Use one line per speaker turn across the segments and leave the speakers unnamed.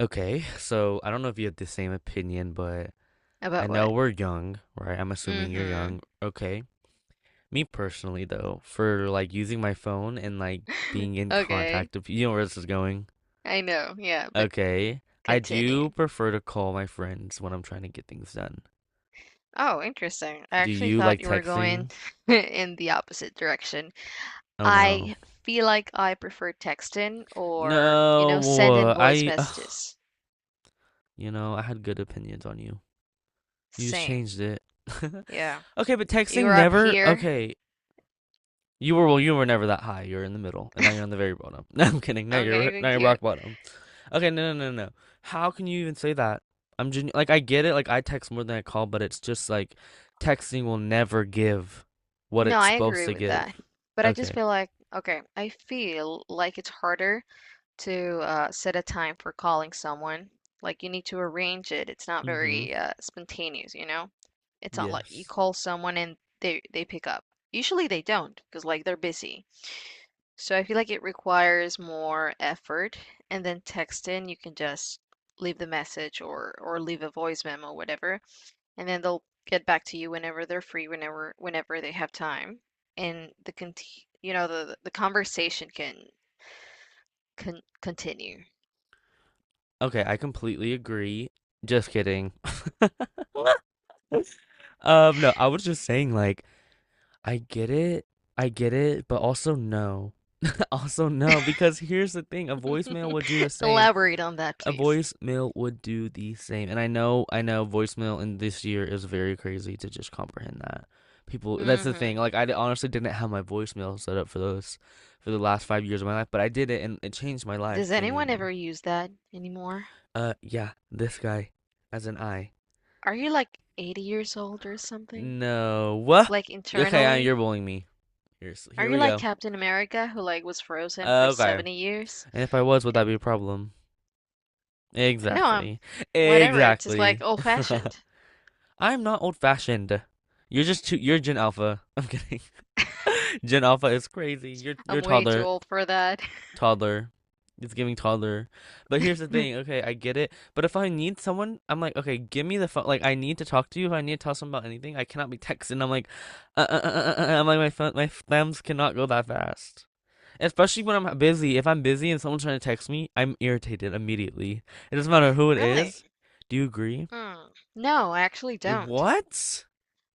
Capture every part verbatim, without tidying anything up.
Okay, so I don't know if you have the same opinion, but I
About
know
what?
we're young, right? I'm assuming you're
Mm-hmm.
young. Okay. Me personally, though, for like using my phone and like being in
Okay.
contact of, you know where this is going.
I know. Yeah, but
Okay. I do
continue.
prefer to call my friends when I'm trying to get things done.
Oh, interesting. I
Do
actually
you
thought
like
you were going
texting?
in the opposite direction.
Oh no.
I feel like I prefer texting or, you know, sending
No,
voice
I, ugh,
messages.
you know, I had good opinions on you. You just
Same.
changed it.
Yeah.
Okay, but texting
You're up
never,
here.
okay. You were well, you were never that high. You're in the middle, and now you're on the very bottom. No, I'm kidding. Now you're
Okay,
now
thank
you're
you.
rock bottom. Okay, no, no, no, no. How can you even say that? I'm genu- like I get it. Like I text more than I call, but it's just like texting will never give what
No,
it's
I
supposed
agree
to
with
give.
that. But I just
Okay.
feel like, okay, I feel like it's harder to uh, set a time for calling someone. Like you need to arrange it. It's not
Mm-hmm.
very uh, spontaneous, you know? It's not like you
Yes.
call someone and they they pick up. Usually they don't because like they're busy. So I feel like it requires more effort. And then texting, you can just leave the message or or leave a voice memo, whatever, and then they'll get back to you whenever they're free, whenever whenever they have time. And the con you know the the conversation can con continue.
Okay, I completely agree. Just kidding. Um, no, I was just saying like I get it. I get it, but also no. Also no, because here's the thing, a voicemail would do the same.
Elaborate on that,
A
please.
voicemail would do the same, and I know I know voicemail in this year is very crazy to just comprehend that. People that's the thing,
Hmm.
like, I honestly didn't have my voicemail set up for those for the last five years of my life, but I did it, and it changed my life
Does anyone
genuinely.
ever use that anymore?
Uh, yeah, this guy, as an I.
Are you like eighty years old or something?
No, what?
Like
Okay, I you're
internally?
bullying me. Here's
Are
here
you
we
like
go.
Captain America who like was frozen
Uh,
for
Okay.
seventy years?
And if I was, would
Eh,
that be a problem?
no, I'm
Exactly.
whatever. It's just like
Exactly.
old fashioned.
I'm not old fashioned. You're just too. You're Gen Alpha. I'm kidding. Gen Alpha is crazy. You're
I'm
you're
way too
toddler.
old for that.
Toddler. It's giving toddler. But here's the thing. Okay, I get it. But if I need someone, I'm like, okay, give me the phone. Like, I need to talk to you. If I need to tell someone about anything, I cannot be texting. I'm like, uh, uh, uh, uh, uh. uh, I'm like, my phone, my thumbs cannot go that fast. Especially when I'm busy. If I'm busy and someone's trying to text me, I'm irritated immediately. It doesn't matter who it
Really?
is. Do you agree?
Hmm. No, I actually don't.
What?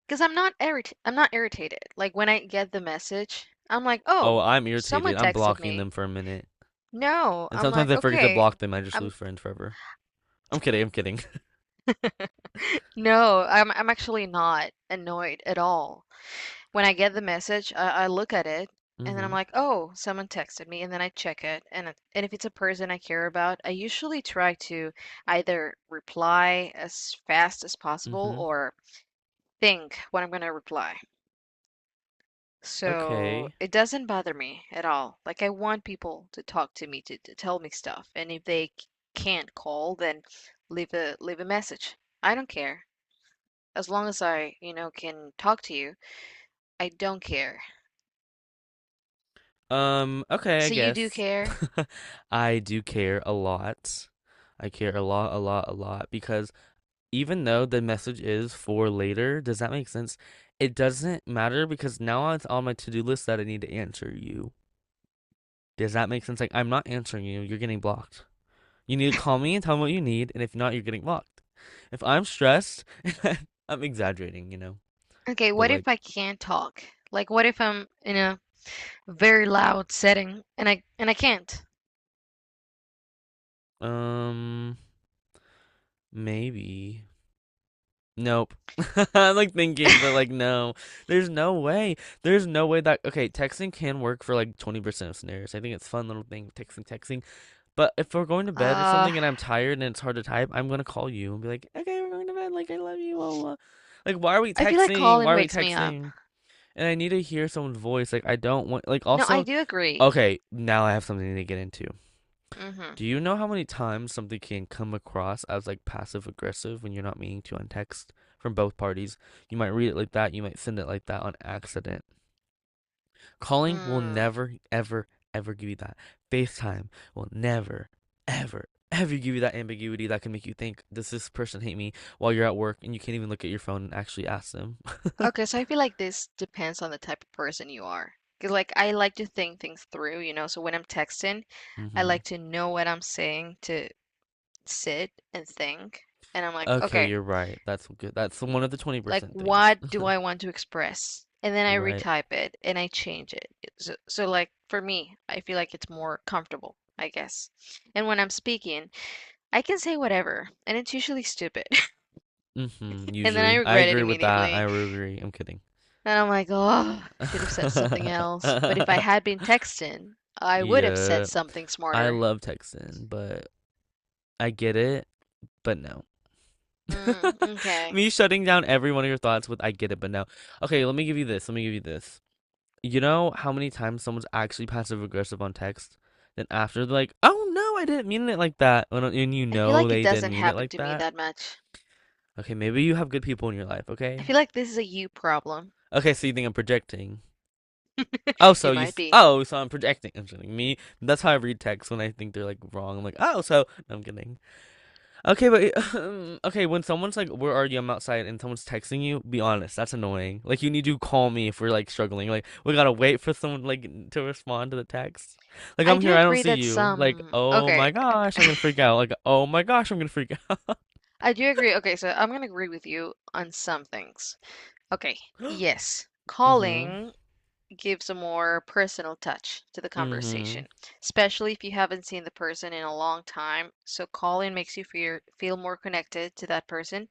Because I'm not irrit I'm not irritated. Like when I get the message, I'm like,
oh,
"Oh,
I'm irritated.
someone
I'm
texted
blocking them
me."
for a minute.
No,
And
I'm
sometimes
like,
I forget to
"Okay,
block them. I just lose
I'm
friends forever. I'm kidding. I'm kidding.
No, I'm I'm actually not annoyed at all. When I get the message, I, I look at it and then I'm
Mm-hmm.
like, oh, someone texted me, and then I check it, and it- and if it's a person I care about, I usually try to either reply as fast as possible
Mm-hmm.
or think what I'm gonna reply. So
Okay.
it doesn't bother me at all. Like I want people to talk to me to, to tell me stuff, and if they c- can't call, then leave a leave a message. I don't care. As long as I, you know, can talk to you, I don't care.
Um, okay, I
So you do
guess.
care?
I do care a lot. I care a lot, a lot, a lot because even though the message is for later, does that make sense? It doesn't matter because now it's on my to-do list that I need to answer you. Does that make sense? Like, I'm not answering you. You're getting blocked. You need to call me and tell me what you need, and if not, you're getting blocked. If I'm stressed, I'm exaggerating, you know.
Okay,
But
what if
like,
I can't talk? Like what if I'm in a very loud setting and I and I can't?
um, maybe. Nope. I'm like thinking, but like, no. There's no way. There's no way that okay, texting can work for like twenty percent of scenarios. I think it's a fun little thing, texting, texting. But if we're going to bed or
Uh,
something and I'm tired and it's hard to type, I'm gonna call you and be like, okay, we're going to bed. Like, I love you. Blah, blah, like, why are we
I feel like
texting? Why
Colin
are we
wakes me up.
texting? And I need to hear someone's voice. Like, I don't want like
No, I
also
do agree.
okay, now I have something to get into.
Mm-hmm.
Do you know how many times something can come across as like passive aggressive when you're not meaning to on text from both parties? You might read it like that, you might send it like that on accident. Calling will
Mm.
never, ever, ever give you that. FaceTime will never, ever, ever give you that ambiguity that can make you think, does this person hate me while you're at work and you can't even look at your phone and actually ask them?
Okay, so I feel like this depends on the type of person you are. 'Cause like I like to think things through, you know, so when I'm texting, I
Hmm.
like to know what I'm saying to sit and think. And I'm like,
Okay,
okay,
you're right. That's good. That's one of the
like
twenty percent things.
what do I want to express? And then I
Right.
retype it and I change it. So, so like for me, I feel like it's more comfortable, I guess. And when I'm speaking, I can say whatever, and it's usually stupid.
Hmm.
And then I
Usually. I
regret it
agree with that. I
immediately.
will agree. I'm kidding.
And I'm like, oh, I should have said something else. But if I had been texting, I would have said
Yeah.
something
I
smarter.
love texting, but I get it, but no.
Mm, okay.
Me shutting down every one of your thoughts with I get it, but no. Okay, let me give you this. Let me give you this. You know how many times someone's actually passive aggressive on text? Then after they're like, oh no, I didn't mean it like that. when- And you
I feel
know
like it
they didn't
doesn't
mean it
happen
like
to me
that.
that much.
Okay, maybe you have good people in your life,
I
okay?
feel like this is a you problem.
Okay, so you think I'm projecting. Oh, so
You
you?
might
Th-
be.
oh, so I'm projecting. I'm kidding. Me. That's how I read texts when I think they're like wrong. I'm like, oh, so no, I'm kidding. Okay, but um, okay, when someone's like, "Where are you?" I'm outside, and someone's texting you. Be honest. That's annoying. Like, you need to call me if we're like struggling. Like, we gotta wait for someone like to respond to the text. Like,
I
I'm
do
here. I don't
agree
see
that
you. Like,
some.
oh
Okay,
my gosh, I'm gonna freak out. Like, oh my gosh, I'm gonna freak out.
I do agree. Okay, so I'm gonna agree with you on some things. Okay, yes,
Mm-hmm.
calling gives a more personal touch to the
Mm-hmm.
conversation, especially if you haven't seen the person in a long time. So calling makes you feel feel more connected to that person.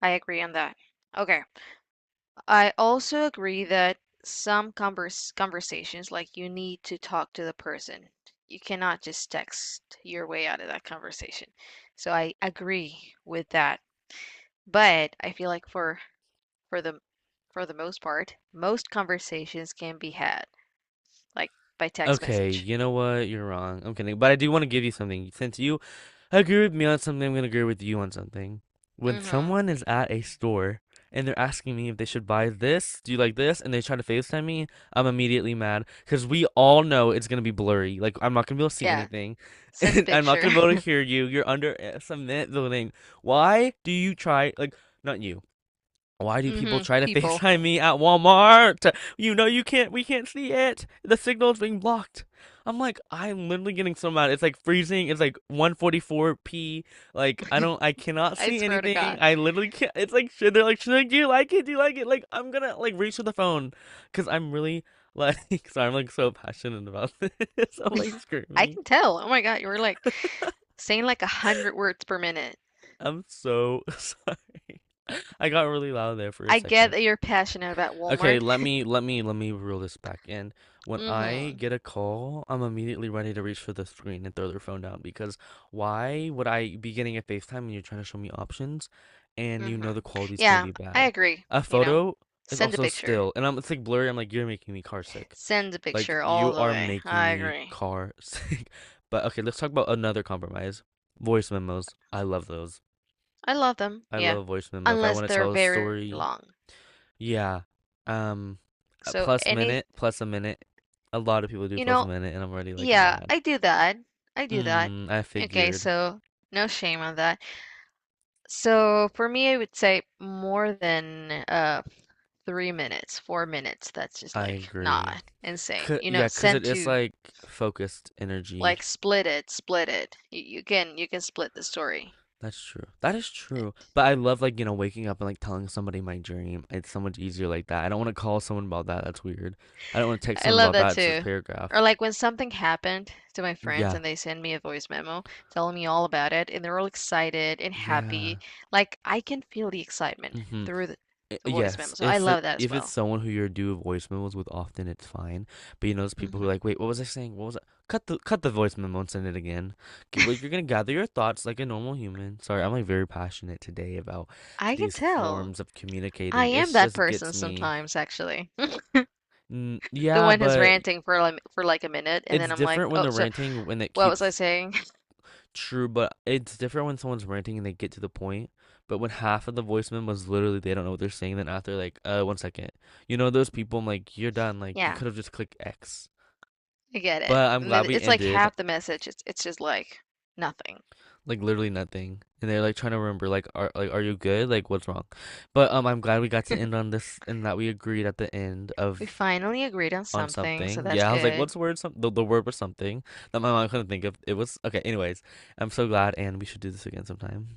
I agree on that. Okay, I also agree that some converse conversations like you need to talk to the person. You cannot just text your way out of that conversation. So I agree with that. But I feel like for for the for the most part, most conversations can be had like by text
Okay,
message.
you know what? You're wrong. I'm kidding. But I do want to give you something. Since you agree with me on something, I'm going to agree with you on something. When
Mm-hmm.
someone is at a store and they're asking me if they should buy this, do you like this? And they try to FaceTime me, I'm immediately mad because we all know it's going to be blurry. Like, I'm not going to be able to see
Yeah.
anything.
Send a
And I'm not
picture.
going to be able to hear you. You're under uh, some net building. Why do you try, like, not you. Why do people
Mm-hmm.
try to
People.
FaceTime me at Walmart? You know you can't we can't see it. The signal's being blocked. I'm like, I'm literally getting so mad. It's like freezing. It's like one forty-four p. Like I don't I cannot
I
see
swear to
anything.
God.
I literally can't, it's like should they're like, should I do you like it? Do you like it? Like I'm gonna like reach for the phone. Cause I'm really like sorry, I'm like so passionate about this. I'm like
I
screaming.
can tell. Oh my God, you were like saying like a hundred words per minute.
I'm so sorry. I got really loud there for a
I get
second.
that you're passionate about
Okay,
Walmart.
let me let me let me reel this back in. When I
Mm-hmm.
get a call, I'm immediately ready to reach for the screen and throw their phone down because why would I be getting a FaceTime and you're trying to show me options and you know
Mm-hmm.
the quality's gonna
Yeah,
be
I
bad?
agree.
A
You know,
photo is
send a
also
picture.
still, and I'm it's like blurry. I'm like, you're making me car sick.
Send a
Like
picture all
you
the
are
way.
making
I
me
agree.
car sick. But okay, let's talk about another compromise. Voice memos. I love those.
I love them.
I love
Yeah.
a voice memo. If I
Unless
want to
they're
tell a
very
story,
long.
yeah. Um, a
So
plus
any,
minute, plus a minute. A lot of people do
you
plus a
know,
minute, and I'm already like
yeah,
mad.
I do that. I do that.
Mm, I
Okay,
figured.
so no shame on that. So for me, I would say more than uh three minutes, four minutes. That's just
I
like
agree.
not insane.
C
You know,
cause
send
it is
to
like focused energy.
like split it, split it. You, you can you can split the story.
That's true. That is true. But I love like, you know, waking up and like telling somebody my dream. It's so much easier like that. I don't want to call someone about that. That's weird. I don't want to text
I
someone
love
about
that
that. It's just a
too.
paragraph.
Or like when something happened to my friends
Yeah.
and they send me a voice memo telling me all about it and they're all excited and
Yeah.
happy. Like I can feel the excitement
hmm
through the,
I-
the voice memo.
Yes,
So I
if the,
love that as
if it's
well.
someone who you are do voice memos with often, it's fine. But you know, those people who are
Hmm.
like, wait, what was I saying? What was I? Cut the cut the voice memo and send it again. Okay, well, you're gonna gather your thoughts like a normal human. Sorry, I'm like very passionate today about
I can
these
tell.
forms of
I
communicating. It
am that
just gets
person
me.
sometimes, actually.
Mm,
The
yeah,
one who's
but
ranting for like, for like a minute and
it's
then I'm like,
different when
"Oh,
they're
so
ranting when it
what was I
keeps.
saying?"
True, but it's different when someone's ranting and they get to the point. But when half of the voicemail was literally they don't know what they're saying, then after like, uh, one second, you know those people. I'm like, you're done. Like you
Yeah,
could have just clicked X.
I get it.
But I'm
And
glad
it-
we
it's like
ended
half the message. It's it's just like nothing.
like literally nothing, and they're like trying to remember like are like are you good? Like what's wrong? But um, I'm glad we got to end on this and that we agreed at the end
We
of
finally agreed on
on
something, so
something.
that's
Yeah, I was like, what's
good.
the word? Some the, the word was something that my mom couldn't think of. It was okay. Anyways, I'm so glad, and we should do this again sometime.